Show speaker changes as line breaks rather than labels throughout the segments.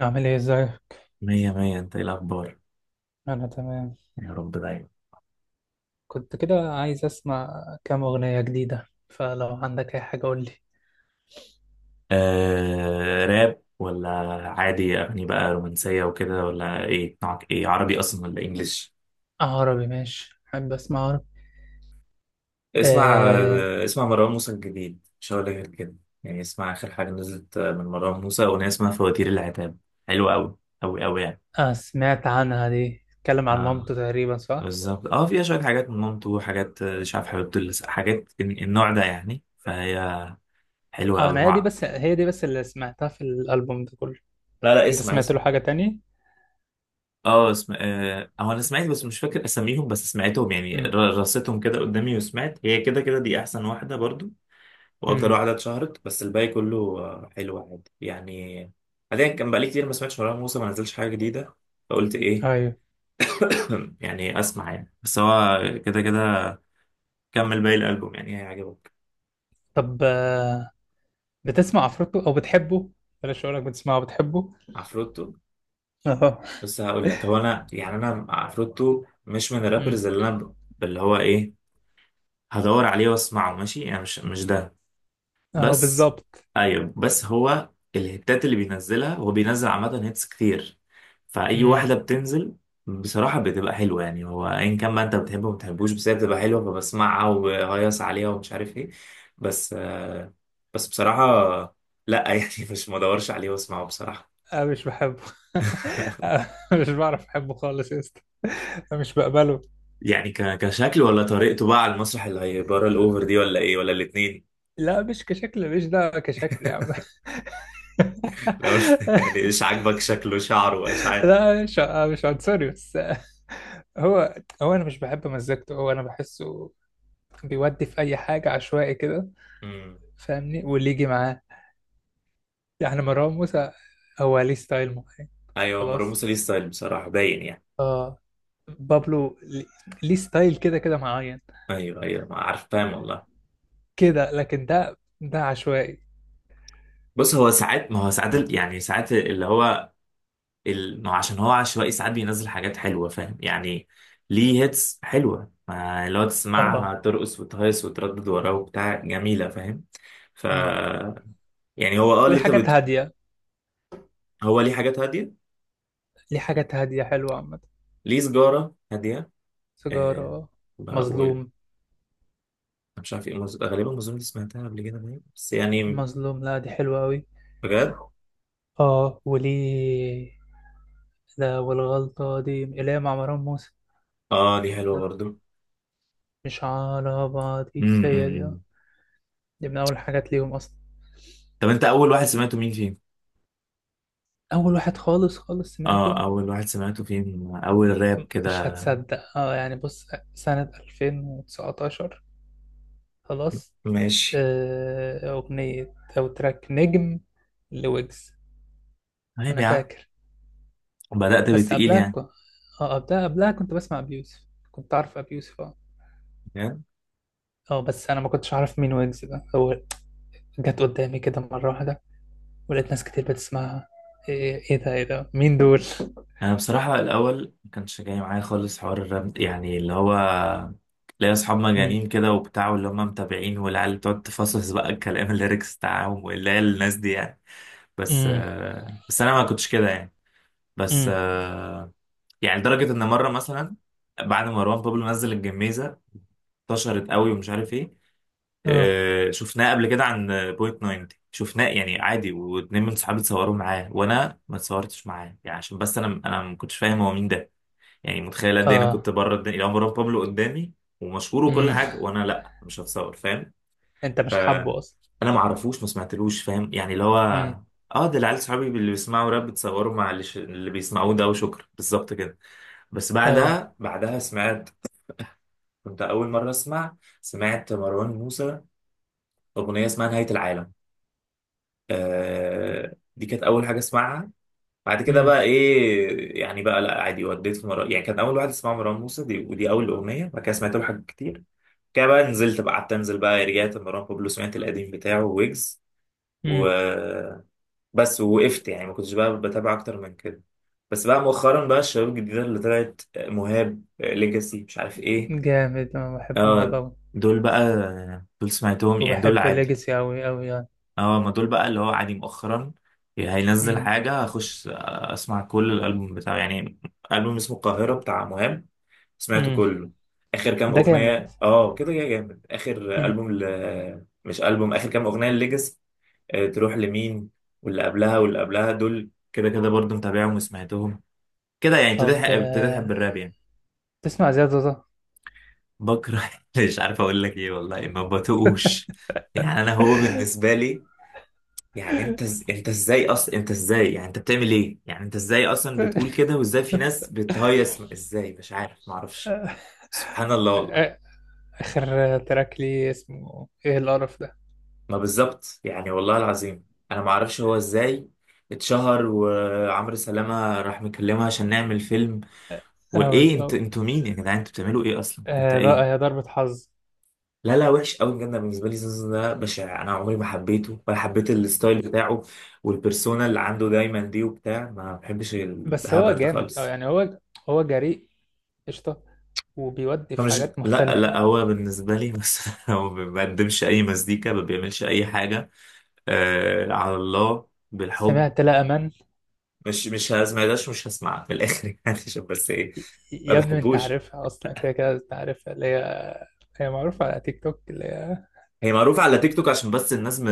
أعمل إيه إزيك؟
مية مية، انت ايه الاخبار؟
أنا تمام.
يا رب دايما.
كنت كده عايز أسمع كام أغنية جديدة، فلو عندك أي حاجة قولي.
آه، راب ولا عادي؟ اغاني بقى رومانسية وكده ولا ايه؟ نوعك ايه، عربي اصلا ولا انجليش؟
آه، عربي، ماشي، أحب أسمع عربي.
اسمع
آه.
اسمع مروان موسى الجديد، مش هقول لك غير كده. يعني اسمع اخر حاجة نزلت من مروان موسى اغنية اسمها فواتير العتاب. حلوة قوي قوي قوي يعني.
آه، سمعت عنها دي، اتكلم عن
اه
مامته تقريبا، صح؟
بالظبط، اه فيها شوية حاجات من مامته وحاجات، مش عارف حبيبته حاجات النوع ده يعني، فهي حلوة
آه،
قوي.
أنا هي دي بس، هي دي بس اللي سمعتها في الألبوم ده كله.
لا،
أنت
اسمع
سمعت له
اسمع.
حاجة تانية؟
اه اسم... آه، هو انا سمعت بس مش فاكر اساميهم، بس سمعتهم يعني
مم.
رصيتهم كده قدامي وسمعت هي كده كده دي احسن واحده برضو واكتر
مم.
واحده اتشهرت، بس الباقي كله حلو عادي يعني. حاليا كان بقالي كتير ما سمعتش مروان موسى، ما نزلش حاجه جديده، فقلت ايه.
أيوه.
يعني اسمع يعني، بس هو كده كده كمل باقي الالبوم يعني هيعجبك.
طب، بتسمع عفروتو أو بتحبه؟ بلاش أقولك، بتسمعه بتحبه؟
عفروتو؟
أهو.
بس هقول لك، هو انا يعني انا عفروتو مش من
مم.
الرابرز اللي هو ايه، هدور عليه واسمعه ماشي يعني، مش ده
أهو
بس.
بالظبط.
ايوه بس هو الهيتات اللي بينزلها، هو بينزل عامة هيتس كتير، فأي واحدة بتنزل بصراحة بتبقى حلوة يعني. هو أيا كان بقى، أنت بتحبه وما بتحبوش، بس هي بتبقى حلوة فبسمعها وبهيص عليها ومش عارف إيه. بس آه، بس بصراحة لأ يعني مش مدورش عليه وأسمعه بصراحة.
أنا مش بحبه. أنا مش بعرف أحبه خالص يا اسطى. أنا مش بقبله.
يعني كشكل ولا طريقته بقى على المسرح اللي هي بره الأوفر دي، ولا إيه ولا الاتنين؟
لا، مش كشكل، مش ده كشكل يا عم.
لو يعني إيش عاجبك، شكله، شعره، إيش؟
لا، مش عنصري بس. هو هو أنا مش بحب مزجته، هو أنا بحسه بيودي في أي حاجة عشوائي كده.
عارف.
فاهمني، واللي يجي معاه. يعني مروان موسى هو ليه ستايل معين.
ايوه مروان
خلاص.
موسى ليه ستايل بصراحه باين يعني.
اه. بابلو لي- ليه ستايل كده كده معين،
ايوه ايوه، ما عارف فاهم والله.
كده، لكن ده عشوائي.
بص هو ساعات، ما هو ساعات ال- يعني ساعات اللي هو ما هو عشان هو عشوائي، ساعات بينزل حاجات حلوه فاهم يعني. ليه هيتس حلوه، ما اللي هو
اه،
تسمعها ترقص وتهيص وتردد وراه وبتاع جميله فاهم. ف يعني هو اه
والحاجات هادية،
هو ليه حاجات هاديه.
ليه حاجات هادية حلوة عامة.
ليه سجاره هاديه. آه...
سيجارة.
بقى أنا
مظلوم.
مش عارف ايه غالبا المزون اللي سمعتها قبل كده باين، بس يعني
مظلوم، لا دي حلوة أوي.
بجد.
اه، وليه؟ لا، والغلطة دي اللي هي مع مروان موسى.
اه دي حلوه
لا.
برضو.
مش على بعضي هي دي، اه.
امم.
دي من أول حاجات ليهم أصلا.
طب انت اول واحد سمعته مين فيهم؟
أول واحد خالص خالص
اه
سمعته،
اول واحد سمعته فيهم، اول راب
مش
كده؟
هتصدق، اه، يعني بص، سنة 2019. خلاص.
ماشي.
آه، أغنية أو تراك نجم لويجز.
طيب
أنا
يا
فاكر.
عم بدأت
بس
بالتقيل
قبلها
يعني.
ك... اه، قبلها كنت بسمع ابي يوسف. كنت عارف ابي يوسف، اه.
فاهم؟
اه، بس انا ما كنتش عارف مين ويجز ده هو. جت قدامي كده مره واحده، ولقيت ناس كتير بتسمعها. ايه؟ ايه ده؟ ايه ده مين دول؟
انا بصراحة الاول ما كانش جاي معايا خالص حوار الراب، يعني اللي هو ليا اصحاب
امم.
مجانين كده وبتاع، واللي هم متابعين، والعيال بتقعد تفصص بقى الكلام الليركس بتاعهم، واللي هي الناس دي يعني.
امم.
بس انا ما كنتش كده يعني. بس
امم.
آه، يعني لدرجة ان مرة مثلا بعد ما مروان بابلو نزل الجميزة، انتشرت قوي ومش عارف ايه.
اه.
شفناه قبل كده عن بوينت 90، شفناه يعني عادي، واتنين من صحابي اتصوروا معاه وانا ما اتصورتش معاه يعني، عشان بس انا ما كنتش فاهم هو مين ده. يعني متخيل قد ايه انا كنت
اه.
بره الدنيا، لو مروان بابلو قدامي ومشهور وكل
امم.
حاجه وانا لا مش هتصور، فاهم؟
انت مش
فانا
حابه اصلا.
ما اعرفوش، ما سمعتلوش فاهم يعني، اللي هو
امم.
اه ده العيال صحابي اللي بيسمعوا راب بيتصوروا مع اللي بيسمعوه ده وشكرا، بالظبط كده. بس
اه.
بعدها، بعدها سمعت، كنت اول مره اسمع، سمعت مروان موسى اغنيه اسمها نهايه العالم. آه دي كانت اول حاجه اسمعها. بعد كده
امم.
بقى ايه يعني، بقى لا عادي وديت في مرة يعني. كان اول واحد اسمها مروان موسى دي، ودي اول اغنيه. بعد كده سمعت له حاجات كتير كده، بقى نزلت بقى، قعدت انزل بقى، رجعت مروان بابلو سمعت القديم بتاعه ويجز و
امم.
بس، ووقفت يعني ما كنتش بقى بتابع اكتر من كده. بس بقى مؤخرا بقى الشباب الجديده اللي طلعت، مهاب، ليجاسي، مش عارف ايه.
جامد، انا بحبه،
اه
مهضوم.
دول بقى، آه، دول سمعتهم يعني، دول
وبحب
عادي.
ليجاسي اوي اوي يعني.
اه ما دول بقى اللي هو عادي مؤخرا. هينزل
امم.
حاجة هخش اسمع كل الألبوم بتاعه يعني. ألبوم اسمه القاهرة بتاع مهاب سمعته
امم.
كله، آخر كام
ده جامد.
أغنية اه كده يا جامد. آخر
امم.
ألبوم مش ألبوم، آخر كام أغنية الليجاسي تروح لمين، واللي قبلها واللي قبلها، دول كده كده برضه متابعهم وسمعتهم كده يعني.
طب،
ابتديت أحب الراب يعني.
تسمع زياد زوزة؟
بكره مش عارف أقول لك إيه والله، ما بتقوش يعني. أنا هو بالنسبة لي يعني، انت ازاي اصلا، انت ازاي يعني، انت بتعمل ايه يعني، انت ازاي اصلا بتقول كده، وازاي في ناس بتهيص، ازاي مش عارف، ما اعرفش. سبحان الله والله.
آخر تراك ليه اسمه إيه، القرف ده.
ما بالظبط يعني، والله العظيم انا ما اعرفش هو ازاي اتشهر، وعمرو سلامة راح مكلمها عشان نعمل فيلم.
اه،
وايه؟ انت،
بالظبط.
انتوا مين يا جدعان؟ انتوا بتعملوا ايه اصلا، انت
آه، بقى هي
ايه؟
ضربة حظ.
لا، وحش قوي بجد، أنا بالنسبه لي زوزو ده بشع، انا عمري ما حبيته ولا حبيت الستايل بتاعه، والبرسونا اللي عنده دايما دي وبتاع، ما بحبش
بس هو
الهبل ده
جامد، اه،
خالص.
يعني. هو جريء، قشطة، وبيودي
هو
في
مش
حاجات
لا
مختلفة.
لا هو بالنسبة لي مثلا هو ما بيقدمش أي مزيكا، ما بيعملش أي حاجة. آه على الله بالحب.
سمعت لا أمان.
مش هسمعهاش، مش هسمعها في الآخر يعني عشان بس إيه، ما
يا ابني أنت
بحبوش.
عارفها أصلا، كده كده أنت عارفها، اللي هي هي معروفة على تيك توك، اللي هي.
هي معروفة على تيك توك عشان بس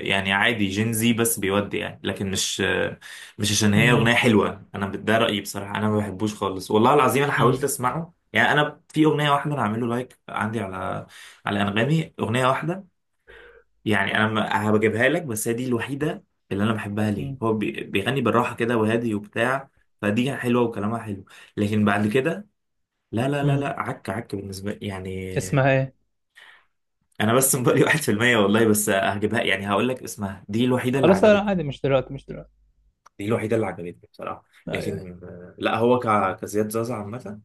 يعني عادي جينزي بس بيودي يعني، لكن مش مش عشان هي
مم.
أغنية حلوة. أنا ده رأيي بصراحة، أنا ما بحبوش خالص والله العظيم، أنا حاولت
مم.
أسمعه يعني. أنا في أغنية واحدة أنا عامل له لايك عندي على على أنغامي، أغنية واحدة يعني. انا ما- هبجيبها لك، بس هي دي الوحيده اللي انا بحبها. ليه؟
مم.
هو بيغني بالراحه كده وهادي وبتاع، فدي حلوه وكلامها حلو، لكن بعد كده لا لا لا
مم.
لا، عك عك بالنسبه لي يعني.
اسمها إيه؟
انا بس مبالي 1% والله، بس هجيبها يعني هقول لك اسمها، دي الوحيده اللي
خلاص، لا لا،
عجبتني.
عادي، مش دلوقتي مش دلوقتي.
دي الوحيده اللي عجبتني بصراحه.
أيوه.
لكن لا هو كزياد زازا عامه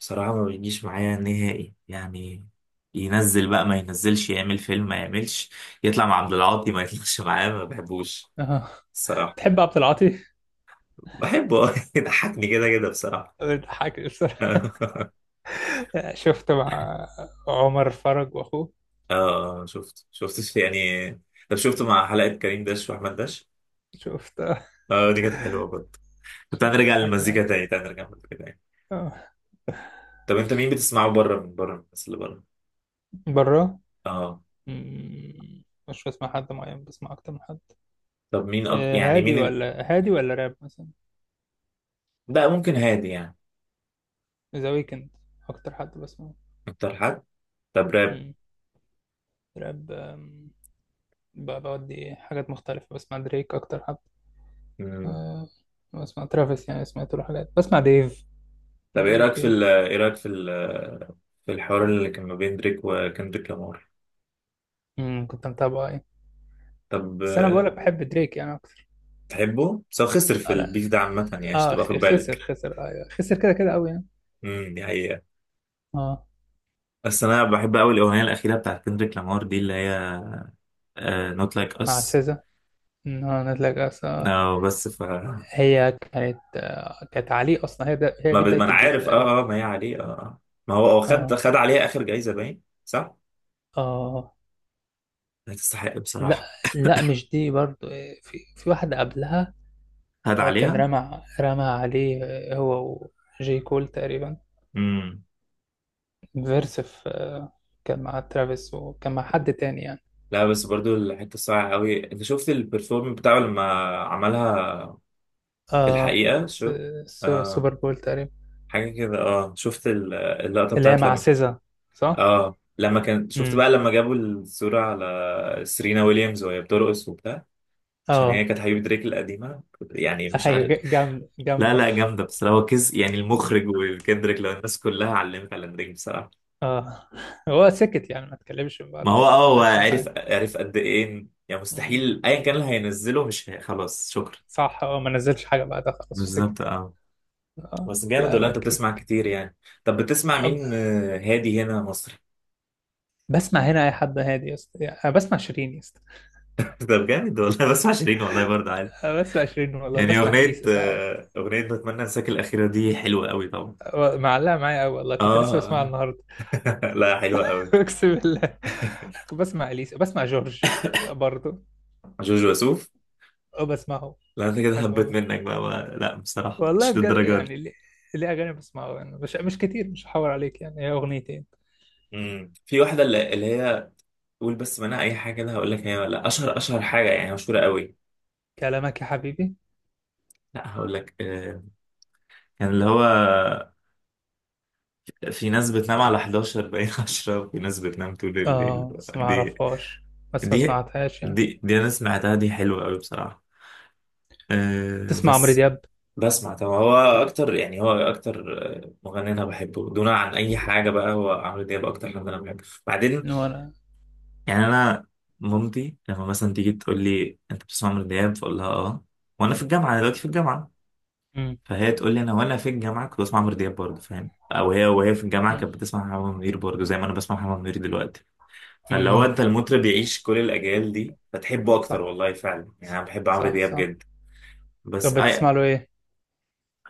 بصراحه ما بيجيش معايا نهائي يعني. ينزل بقى ما ينزلش، يعمل فيلم ما يعملش، يطلع مع عبد العاطي ما يطلعش معاه، ما بحبوش
أه.
الصراحه.
تحب عبد العاطي؟
بحبه يضحكني كده كده بصراحة.
بتضحك بصراحة. شفته مع عمر فرج وأخوه.
اه، شفت يعني. طب شفت مع حلقة كريم داش وأحمد داش؟
شفتها.
اه دي كانت حلوة برضه. طب تعال
شفت
نرجع
حكني.
للمزيكا تاني، تعال نرجع للمزيكا تاني.
آه.
طب أنت مين بتسمعه بره، من بره الناس اللي بره؟
بره.
اه.
مم، مش بسمع حد معين، بسمع اكتر من حد.
طب مين
آه،
يعني
هادي
مين
ولا هادي ولا راب مثلا.
لا ممكن هادي يعني؟
ذا ويكند اكتر حد بسمعه.
أكتر حد؟ طب راب؟
مم، راب، بودي حاجات مختلفة. بسمع دريك اكتر حد.
مم.
آه، بسمع ترافيس، يعني سمعت له حاجات، بسمع ديف، لو
طب إيه
عارف
رأيك
ديف.
إيه رأيك في ال في الحوار اللي كان ما بين دريك وكندريك لامار؟
مم، كنت متابعه، ايه؟
طب
بس انا بقولك بحب دريك يعني اكتر.
تحبه؟ بس هو خسر في
آه، لا.
البيف ده عامة يعني، عشان
اه،
تبقى
خ-
واخد
خسر
بالك.
خسر ايوه، خسر كده كده قوي يعني.
دي حقيقة.
اه.
بس انا بحب قوي الاغنيه الاخيره بتاعت كندريك لامار دي، اللي هي نوت لايك
مع
اس.
سيزا، إن هو نازلة جاهزة.
بس ف
هي كانت عليه اصلا، هي دي
ما
بدايه
انا
البيف
عارف
تقريبا.
اه اه، ما هي عليه اه آه. ما هو هو خد
اه.
خد عليها اخر جايزه باين صح؟
اه.
لا تستحق
لا
بصراحه.
لا، مش دي برضو، في واحده قبلها.
خد
هو كان
عليها.
رمى عليه، هو وجي كول تقريبا،
امم.
فيرس في، كان مع ترافيس وكان مع حد تاني يعني.
لا بس برضو الحته الصعبه قوي، انت شفت البرفورم بتاعه لما عملها؟ في
اه، في
الحقيقه شو، اه
السوبر بول تقريبا،
حاجه كده. اه شفت اللقطه
اللي هي
بتاعت
مع
لما،
سيزا، صح؟
اه لما كان شفت
امم.
بقى لما جابوا الصوره على سيرينا ويليامز وهي بترقص وبتاع؟ عشان هي
اه.
كانت حبيبة دريك القديمة، يعني مش
ايوه،
عارف.
جامده
لا
جامده.
لا جامدة بس هو كز يعني المخرج، وكندريك لو الناس كلها علمت على دريك بصراحة.
اه. هو سكت يعني، ما اتكلمش من
ما
بعده
هو
اصلا،
اه
ما
هو
قالش اي
عرف عرف قد ايه يعني،
حاجه.
مستحيل ايا كان اللي هينزله مش هي... خلاص شكرا.
صح، اه، ما نزلش حاجة بعدها خلاص، وسكت.
بالظبط اه.
اه.
بس جامد،
لا
ولا
لا،
انت بتسمع
كيك.
كتير يعني؟ طب بتسمع
أب-
مين هادي؟ هنا مصري؟
بسمع هنا أي حد هادي يا اسطى، يعني أنا بسمع شيرين يا اسطى.
طب جامد والله. بسمع شيرين والله برضه عادي.
أنا بسمع شيرين والله،
يعني
بسمع
اغنية
إليسا ساعات.
اغنية بتمنى انساك الاخيرة دي حلوة قوي طبعا.
أه، معلقة معايا أوي والله، كنت لسه
اه
بسمعها
آه.
النهاردة.
لا حلوة قوي.
أقسم بالله. بسمع إليسا، بسمع جورج، لا، برضه.
جوجو وسوف؟
أه، بسمعه.
لا انت كده
بحبه
هبت
أوي
منك بقى. لا بصراحة
والله،
مش
بجد
للدرجة دي.
يعني. ليه أغاني بسمعه، يعني مش كتير، مش هحاور عليك يعني، هي أغنيتين.
امم. في واحدة اللي هي، قول بس منها أي حاجة كده هقول لك، هي ولا أشهر أشهر حاجة يعني مشهورة قوي.
كلامك يا حبيبي.
لا هقول لك كان اللي هو في ناس بتنام على 11 باين 10، وفي ناس بتنام طول الليل.
اه، بس ما
دي
أعرفهاش. بس ما
دي
سمعتهاش يعني.
دي دي أنا سمعتها، دي حلوة قوي بصراحة.
تسمع عمرو
بس،
دياب.
بسمع طبعا. هو أكتر يعني، هو أكتر مغني أنا بحبه دون عن أي حاجة بقى هو عمرو دياب، أكتر حد أنا بحبه. بعدين
وأنا.
يعني انا مامتي لما مثلا تيجي تقول لي انت بتسمع عمرو دياب فاقول لها اه، وانا في الجامعه دلوقتي في الجامعه، فهي تقول لي انا وانا في الجامعه كنت بسمع عمرو دياب برضه فاهم، او هي وهي في الجامعه كانت بتسمع محمد منير برضه زي ما انا بسمع محمد منير دلوقتي. فاللي هو
امم.
انت المطرب بيعيش كل الاجيال دي فتحبه اكتر
صح.
والله فعلا يعني، انا
صح
بحب عمرو
صح
دياب
صح.
جدا. بس
طب بتسمع له ايه؟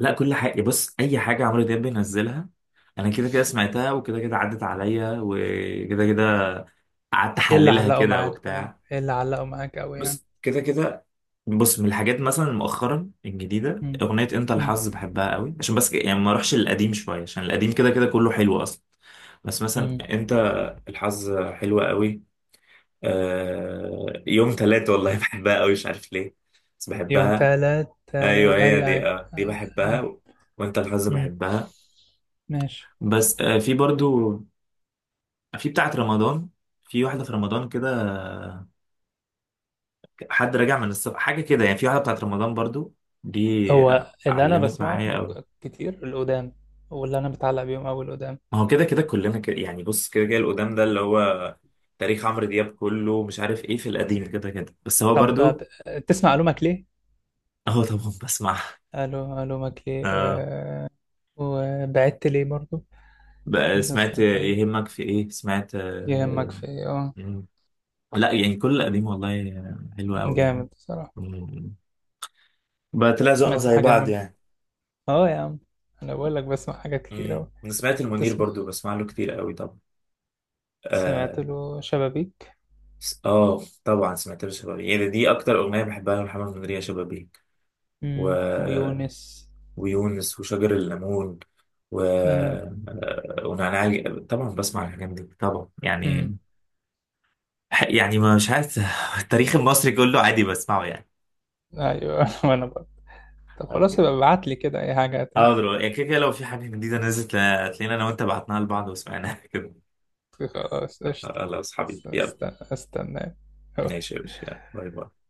لا كل حاجه. بص اي حاجه عمرو دياب بينزلها انا كده كده سمعتها، وكده كده عدت عليا، وكده كده قعدت
ايه اللي
احللها
علقوا
كده
معاك طيب؟
وبتاع.
ايه اللي علقوا معاك قوي يعني؟
بص كده كده، بص من الحاجات مثلا مؤخرا الجديده
امم.
اغنيه انت
امم.
الحظ بحبها قوي، عشان بس يعني ما اروحش للقديم شويه عشان القديم كده كده كله حلو اصلا. بس مثلا
امم.
انت الحظ حلوه قوي. آه يوم تلات والله بحبها قوي، مش عارف ليه بس
يوم
بحبها.
تلات، تلات،
ايوه هي
اي، اي.
دي، آه دي بحبها، وانت الحظ
امم.
بحبها.
ماشي.
بس آه في برضو، في بتاعه رمضان، في واحده في رمضان كده، حد راجع من السفر حاجه كده يعني. في واحده بتاعه رمضان برضو دي،
هو اللي انا
علمت
بسمعه
معايا قوي.
كتير القدام، واللي انا بتعلق بيهم قوي القدام.
ما هو كده كده كلنا كده يعني، بص كده كده القدام ده اللي هو تاريخ عمرو دياب كله مش عارف ايه في القديم كده كده، بس هو
طب،
برضو.
تسمع الومك ليه؟
اهو طبعا بسمع.
الومك ليه؟
آه
وبعدت ليه برضو؟
بقى
ده
سمعت
سمعتها.
يهمك في ايه؟ سمعت
يهمك
آه.
في إيه؟ اه.
مم. لا يعني كل القديم والله حلو قوي يعني.
جامد بصراحة.
مم. بقى طلع ذوقنا
سمعت
زي
حاجة.
بعض يعني.
اه يا عم، انا بقول لك بسمع حاجات كتير اوي.
مم. انا سمعت المنير
تسمع،
برضو، بسمع له كتير قوي طبعا.
سمعت
اه
له شبابيك.
طبعا سمعت له شبابيك، يعني دي اكتر اغنيه بحبها لمحمد منير، يا شبابيك و
امم، ويونس.
ويونس وشجر الليمون و...
اه.
آه، ونعناع، طبعا بسمع الحاجات دي طبعا
امم.
يعني. يعني مش عارف التاريخ المصري كله عادي بسمعه يعني.
ايوه، وانا برضه. طب
طب.
خلاص، يبقى ابعت لي كده اي حاجه تاني.
اه دلوقتي يعني كده كده لو في حاجة جديدة نزلت تلاقينا انا وانت بعتناها لبعض وسمعناها كده.
خلاص قشطة.
خلاص
است-
حبيبي يلا.
است- استنى. أوي.
ماشي يا باشا، يلا باي باي.